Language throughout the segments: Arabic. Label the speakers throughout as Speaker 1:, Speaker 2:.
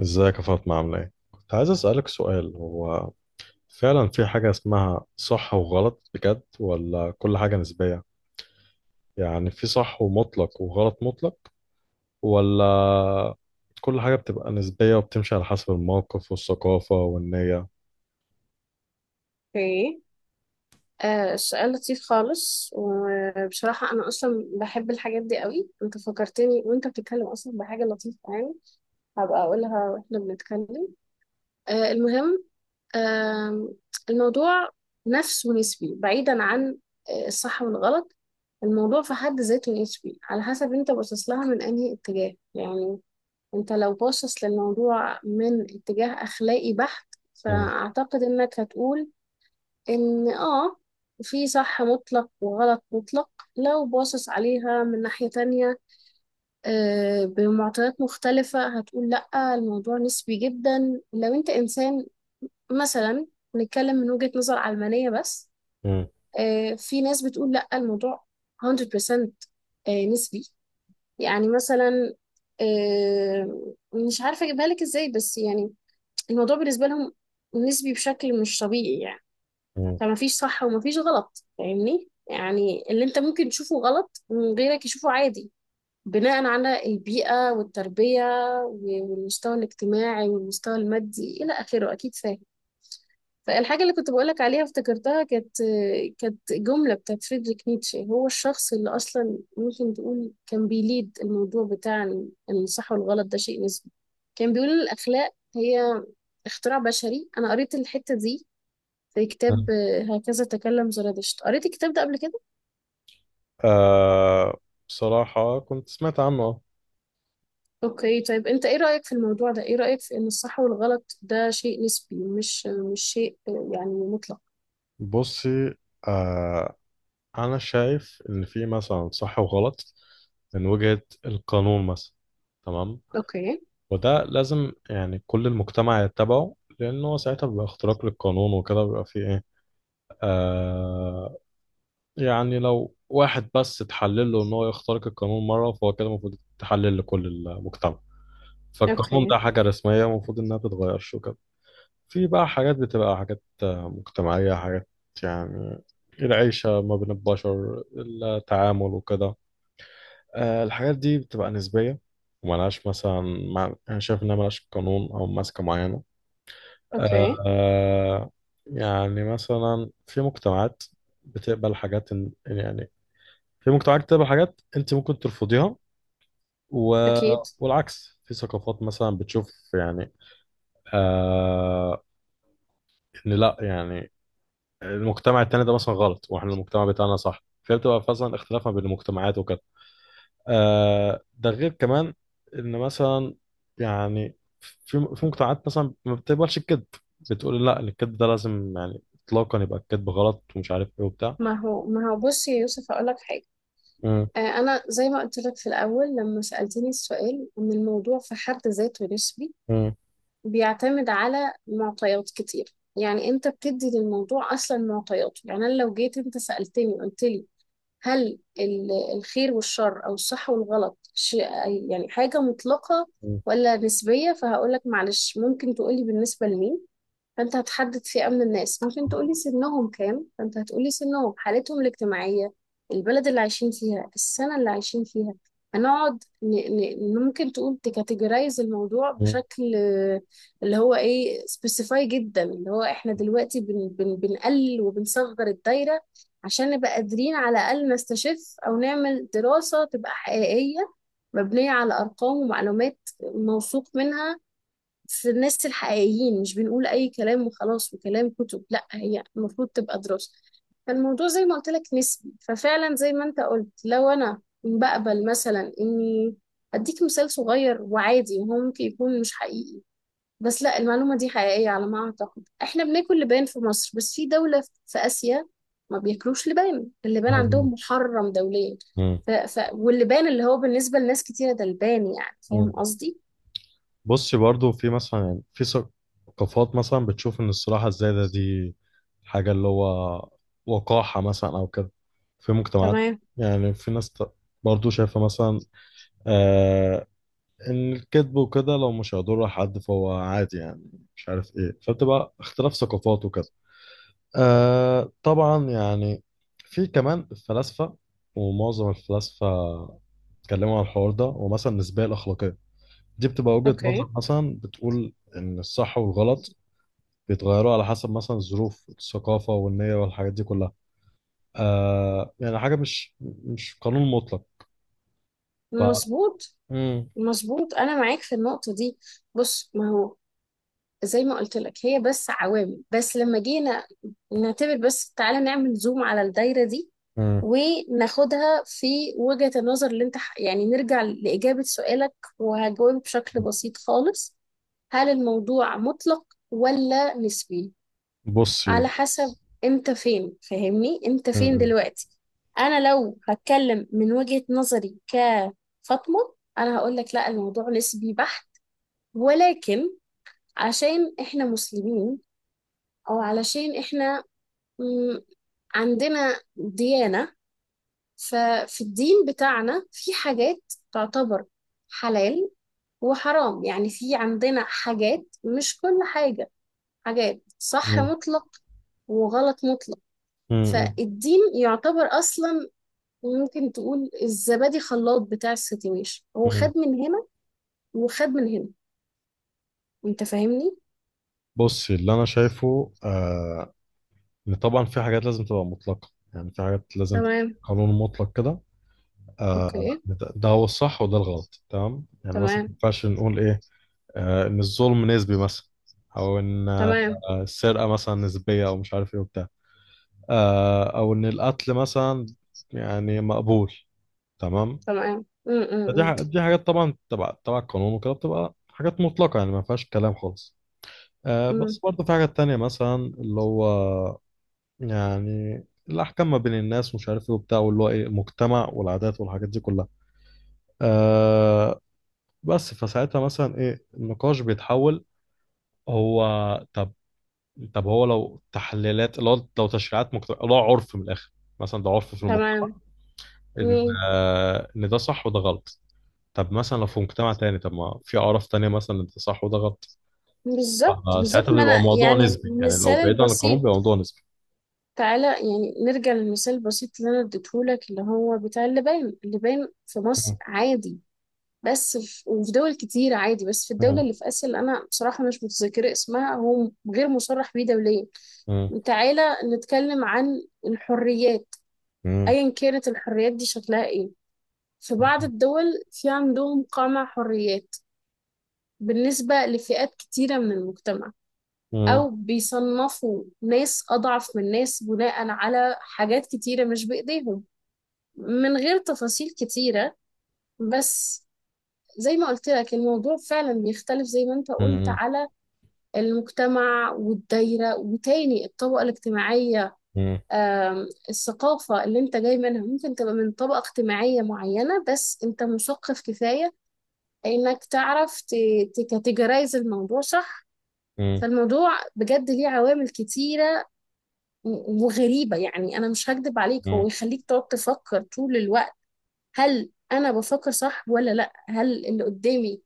Speaker 1: ازيك يا فاطمة؟ عاملة ايه؟ كنت عايز اسألك سؤال. هو فعلا في حاجة اسمها صح وغلط بجد، ولا كل حاجة نسبية؟ يعني في صح ومطلق وغلط مطلق، ولا كل حاجة بتبقى نسبية وبتمشي على حسب الموقف والثقافة والنية؟
Speaker 2: اوكي. السؤال لطيف خالص، وبصراحة أنا أصلا بحب الحاجات دي قوي. أنت فكرتني وأنت بتتكلم أصلا بحاجة لطيفة، يعني هبقى أقولها وإحنا بنتكلم. المهم. آه الموضوع نفس ونسبي بعيدا عن الصح والغلط. الموضوع في حد ذاته نسبي على حسب أنت باصص لها من أنهي اتجاه، يعني أنت لو باصص للموضوع من اتجاه أخلاقي بحت،
Speaker 1: مم.
Speaker 2: فأعتقد إنك هتقول إن في صح مطلق وغلط مطلق. لو باصص عليها من ناحية تانية بمعطيات مختلفة، هتقول لأ الموضوع نسبي جدا. لو أنت إنسان مثلا نتكلم من وجهة نظر علمانية بس،
Speaker 1: مم.
Speaker 2: في ناس بتقول لأ الموضوع 100% نسبي. يعني مثلا، مش عارفة أجيبها لك إزاي، بس يعني الموضوع بالنسبة لهم نسبي بشكل مش طبيعي يعني.
Speaker 1: مم.
Speaker 2: فمفيش صح ومفيش غلط، فاهمني؟ يعني اللي انت ممكن تشوفه غلط غيرك يشوفه عادي، بناء على البيئة والتربية والمستوى الاجتماعي والمستوى المادي إلى آخره، أكيد فاهم. فالحاجة اللي كنت بقولك عليها افتكرتها، كانت جملة بتاعت فريدريك نيتشه. هو الشخص اللي أصلا ممكن تقول كان بيليد الموضوع بتاع إن الصح والغلط ده شيء نسبي. كان بيقول إن الأخلاق هي اختراع بشري. أنا قريت الحتة دي زي
Speaker 1: مم.
Speaker 2: كتاب هكذا تكلم زرادشت. قريت الكتاب ده قبل كده؟
Speaker 1: آه، بصراحة كنت سمعت عنه.
Speaker 2: اوكي. طيب انت ايه رأيك في الموضوع ده؟ ايه رأيك في ان الصح والغلط ده شيء نسبي، مش شيء يعني مطلق؟
Speaker 1: بصي، آه أنا شايف إن في مثلا صح وغلط من وجهة القانون مثلا، تمام؟
Speaker 2: اوكي.
Speaker 1: وده لازم يعني كل المجتمع يتبعه، لأنه ساعتها بيبقى اختراق للقانون وكده بيبقى فيه إيه. آه يعني لو واحد بس اتحلل له إن هو يخترق القانون مرة، فهو كده المفروض يتحلل لكل المجتمع. فالقانون ده
Speaker 2: اوكي.
Speaker 1: حاجة رسمية المفروض إنها بتتغيرش وكده. في بقى حاجات بتبقى حاجات مجتمعية، حاجات يعني العيشة ما بين البشر، التعامل وكده. الحاجات دي بتبقى نسبية وملهاش مثلا. أنا شايف إنها ملهاش قانون أو ماسكة معينة.
Speaker 2: اوكي.
Speaker 1: آه يعني مثلا في مجتمعات بتقبل حاجات يعني في مجتمعات بتقبل حاجات انت ممكن ترفضيها و...
Speaker 2: اكيد.
Speaker 1: والعكس، في ثقافات مثلا بتشوف يعني آه ان لا يعني المجتمع التاني ده مثلا غلط واحنا المجتمع بتاعنا صح، فهي بتبقى مثلا اختلاف ما بين المجتمعات وكده. ده غير كمان ان مثلا يعني في مجتمعات مثلا ما بتقبلش الكذب، بتقول لا إن الكذب ده لازم يعني اطلاقا يبقى الكذب غلط، ومش عارف ايه وبتاع.
Speaker 2: ما هو بص يا يوسف اقول لك حاجة.
Speaker 1: مم،
Speaker 2: انا زي ما قلت لك في الاول لما سألتني السؤال، ان الموضوع في حد ذاته نسبي.
Speaker 1: مم،
Speaker 2: بيعتمد على معطيات كتير، يعني انت بتدي للموضوع اصلا معطيات. يعني انا لو جيت انت سألتني قلت لي، هل الخير والشر او الصح والغلط شيء، يعني حاجة مطلقة
Speaker 1: مم،
Speaker 2: ولا نسبية، فهقولك معلش ممكن تقولي بالنسبة لمين. فانت هتحدد فئة من الناس، ممكن تقولي سنهم كام، فانت هتقولي سنهم، حالتهم الاجتماعية، البلد اللي عايشين فيها، السنة اللي عايشين فيها. هنقعد ممكن تقول تكاتيجورايز الموضوع
Speaker 1: مم،
Speaker 2: بشكل اللي هو ايه، سبيسيفاي جدا، اللي هو احنا دلوقتي بنقلل وبنصغر الدايرة عشان نبقى قادرين على الأقل نستشف أو نعمل دراسة تبقى حقيقية، مبنية على أرقام ومعلومات موثوق منها في الناس الحقيقيين. مش بنقول أي كلام وخلاص وكلام كتب، لا هي المفروض تبقى دراسة. فالموضوع زي ما قلت لك نسبي، ففعلا زي ما انت قلت، لو انا بقبل مثلا اني اديك مثال صغير وعادي، هو ممكن يكون مش حقيقي، بس لا المعلومة دي حقيقية على ما اعتقد. احنا بناكل لبان في مصر، بس في دولة في اسيا ما بياكلوش لبان، اللبان
Speaker 1: مم،
Speaker 2: عندهم محرم دوليا.
Speaker 1: مم،
Speaker 2: واللبان اللي هو بالنسبة لناس كتيرة ده لبان، يعني فاهم
Speaker 1: مم.
Speaker 2: قصدي؟
Speaker 1: بصي، برضو في مثلا يعني في ثقافات مثلا بتشوف ان الصراحة الزايدة دي حاجة اللي هو وقاحة مثلا او كده، في مجتمعات،
Speaker 2: تمام.
Speaker 1: يعني في ناس برضو شايفة مثلا آه، الكذب وكده لو مش هيضر حد فهو عادي، يعني مش عارف ايه. فبتبقى اختلاف ثقافات وكده. آه، طبعا يعني في كمان الفلاسفة، ومعظم الفلاسفة اتكلموا عن الحوار ده، ومثلا النسبية الأخلاقية دي بتبقى وجهة
Speaker 2: اوكي.
Speaker 1: نظر مثلا بتقول إن الصح والغلط بيتغيروا على حسب مثلا الظروف، الثقافة والنية والحاجات دي كلها. يعني حاجة مش قانون مطلق. ف
Speaker 2: مظبوط.
Speaker 1: مم.
Speaker 2: مظبوط، انا معاك في النقطه دي. بص، ما هو زي ما قلت لك هي بس عوامل، بس لما جينا نعتبر، بس تعالى نعمل زوم على الدايره دي،
Speaker 1: مم.
Speaker 2: وناخدها في وجهه النظر اللي انت يعني نرجع لاجابه سؤالك. وهجاوب بشكل بسيط خالص، هل الموضوع مطلق ولا نسبي؟ على
Speaker 1: بصي.
Speaker 2: حسب امتى فين، فاهمني، امتى فين
Speaker 1: مم.
Speaker 2: دلوقتي. انا لو هتكلم من وجهة نظري كفاطمة، انا هقول لك لا الموضوع نسبي بحت، ولكن عشان احنا مسلمين او علشان احنا مم، عندنا ديانة، ففي الدين بتاعنا في حاجات تعتبر حلال وحرام. يعني في عندنا حاجات، مش كل حاجة، حاجات صح
Speaker 1: مم.
Speaker 2: مطلق وغلط مطلق.
Speaker 1: مم.
Speaker 2: فالدين يعتبر اصلا، ممكن تقول الزبادي خلاط بتاع السيتويشن، هو
Speaker 1: مم.
Speaker 2: خد من هنا وخد من هنا، انت فاهمني.
Speaker 1: بص، اللي انا شايفه ان طبعا في حاجات لازم تبقى مطلقه، يعني في حاجات لازم تبقى
Speaker 2: تمام.
Speaker 1: قانون مطلق كده.
Speaker 2: اوكي.
Speaker 1: ده هو الصح وده الغلط، تمام؟ يعني مثلا ما
Speaker 2: تمام.
Speaker 1: ينفعش نقول ايه، ان الظلم نسبي مثلا، او ان
Speaker 2: تمام.
Speaker 1: السرقه مثلا نسبيه، او مش عارف ايه وبتاع، او ان القتل مثلا يعني مقبول، تمام.
Speaker 2: تمام. أم، أم، أم،
Speaker 1: دي حاجات طبعا تبع القانون وكده بتبقى حاجات مطلقه، يعني ما فيهاش كلام خالص. بس
Speaker 2: أم.
Speaker 1: برضه في حاجات تانية مثلا اللي هو يعني الأحكام ما بين الناس، ومش عارف إيه وبتاع، واللي هو إيه، مجتمع، والعادات والحاجات دي كلها. آه بس فساعتها مثلا إيه، النقاش بيتحول. هو، طب، طب هو لو تحليلات، لو تشريعات مجتمع، لو عرف من الآخر، مثلا ده عرف في
Speaker 2: تمام.
Speaker 1: المجتمع إن
Speaker 2: أم.
Speaker 1: آه إن ده صح وده غلط. طب مثلا لو في مجتمع تاني، طب ما في أعراف تانية مثلا إن ده صح وده غلط.
Speaker 2: بالظبط،
Speaker 1: فساعتها
Speaker 2: بالظبط، ما
Speaker 1: بيبقى
Speaker 2: انا
Speaker 1: موضوع
Speaker 2: يعني
Speaker 1: نسبي، يعني لو
Speaker 2: المثال
Speaker 1: بعيد عن القانون
Speaker 2: البسيط.
Speaker 1: بيبقى موضوع نسبي.
Speaker 2: تعالى يعني نرجع للمثال البسيط اللي انا اديتهولك، اللي هو بتاع اللبان. اللبان في مصر عادي، بس في وفي دول كتير عادي، بس في الدولة
Speaker 1: مم.
Speaker 2: اللي في آسيا اللي أنا بصراحة مش متذكرة اسمها، هو غير مصرح بيه دوليا.
Speaker 1: مم.
Speaker 2: تعالى نتكلم عن الحريات.
Speaker 1: مم.
Speaker 2: أيا كانت الحريات دي شكلها إيه، في بعض الدول في عندهم قمع حريات بالنسبة لفئات كتيرة من المجتمع،
Speaker 1: مم.
Speaker 2: أو بيصنفوا ناس أضعف من ناس بناء على حاجات كتيرة مش بإيديهم. من غير تفاصيل كتيرة، بس زي ما قلت لك الموضوع فعلا بيختلف زي ما انت قلت، على المجتمع والدايرة، وتاني الطبقة الاجتماعية.
Speaker 1: مم.
Speaker 2: الثقافة اللي انت جاي منها ممكن تبقى من طبقة اجتماعية معينة، بس انت مثقف كفاية انك تعرف تكاتيجرايز الموضوع صح.
Speaker 1: مم.
Speaker 2: فالموضوع بجد ليه عوامل كتيرة وغريبة، يعني انا مش هكدب عليك
Speaker 1: مم.
Speaker 2: هو يخليك تقعد تفكر طول الوقت، هل انا بفكر صح ولا لا، هل اللي قدامي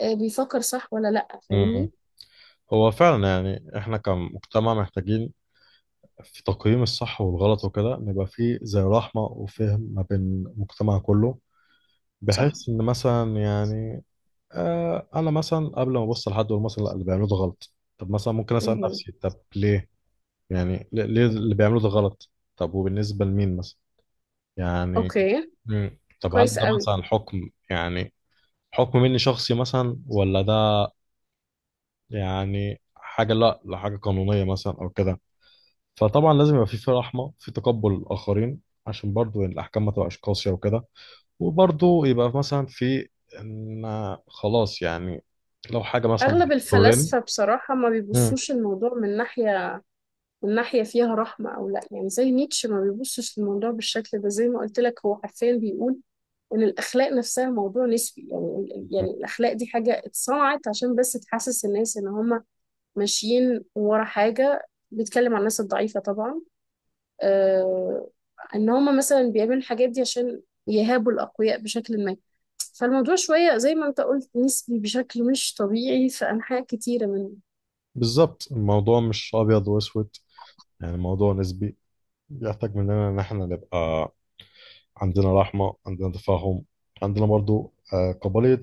Speaker 2: بيفكر صح ولا لا،
Speaker 1: مم.
Speaker 2: فاهمني؟
Speaker 1: هو فعلا يعني احنا كمجتمع محتاجين في تقييم الصح والغلط وكده نبقى فيه زي رحمة وفهم ما بين المجتمع كله،
Speaker 2: صح.
Speaker 1: بحيث ان مثلا يعني انا مثلا قبل ما ابص لحد واقول مثلا لا اللي بيعملوه ده غلط، طب مثلا ممكن اسأل
Speaker 2: مهم.
Speaker 1: نفسي طب ليه؟ يعني ليه اللي بيعملوه ده غلط، طب وبالنسبة لمين مثلا؟ يعني
Speaker 2: اوكي.
Speaker 1: مم. طب هل ده
Speaker 2: كويس قوي.
Speaker 1: مثلا حكم، يعني حكم مني شخصي مثلا، ولا ده يعني حاجة، لا لحاجة قانونية مثلا أو كده؟ فطبعا لازم يبقى في رحمة، في تقبل الآخرين، عشان برضو الأحكام ما تبقاش قاسية وكده. وبرضو يبقى مثلا في إن خلاص يعني لو حاجة مثلا
Speaker 2: اغلب
Speaker 1: بتضرني.
Speaker 2: الفلاسفه بصراحه ما
Speaker 1: مم.
Speaker 2: بيبصوش الموضوع من ناحيه، من ناحيه فيها رحمه او لا، يعني زي نيتشه ما بيبصش للموضوع بالشكل ده. زي ما قلت لك هو حرفيا بيقول ان الاخلاق نفسها موضوع نسبي، يعني يعني الاخلاق دي حاجه اتصنعت عشان بس تحسس الناس ان هم ماشيين ورا حاجه. بيتكلم عن الناس الضعيفه طبعا. آه ان هم مثلا بيعملوا الحاجات دي عشان يهابوا الاقوياء بشكل ما. فالموضوع شوية زي ما انت قلت نسبي بشكل مش طبيعي في أنحاء كتيرة.
Speaker 1: بالظبط، الموضوع مش أبيض وأسود، يعني الموضوع نسبي، بيحتاج مننا إن إحنا نبقى عندنا رحمة، عندنا تفاهم، عندنا برضو قابلية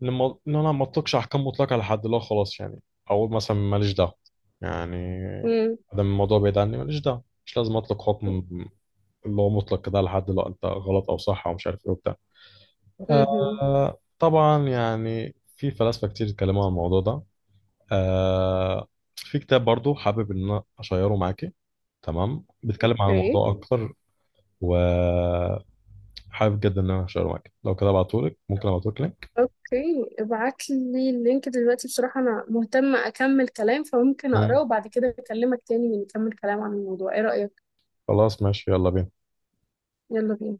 Speaker 1: لما ان انا ما اطلقش احكام مطلقه لحد. لا خلاص، يعني اقول مثلا ماليش دعوه، يعني
Speaker 2: امم.
Speaker 1: ادام الموضوع بعيد عني ماليش دعوه، مش لازم اطلق حكم اللي هو مطلق ده لحد. لا، انت غلط او صح او مش عارف ايه وبتاع.
Speaker 2: امم.
Speaker 1: طبعا يعني في فلاسفه كتير اتكلموا عن الموضوع ده. آه في كتاب برضو حابب ان انا اشيره معاكي، تمام، بيتكلم عن
Speaker 2: اوكي.
Speaker 1: الموضوع اكتر. وحابب جدا ان انا اشيره معاكي، لو كده ابعتهولك، ممكن ابعتهولك لينك.
Speaker 2: اوكي، ابعت لي اللينك دلوقتي، بصراحة انا مهتمة اكمل كلام، فممكن
Speaker 1: مم.
Speaker 2: اقراه وبعد كده اكلمك تاني نكمل كلام عن الموضوع، ايه رأيك؟
Speaker 1: خلاص ماشي، يلا بينا.
Speaker 2: يلا بينا.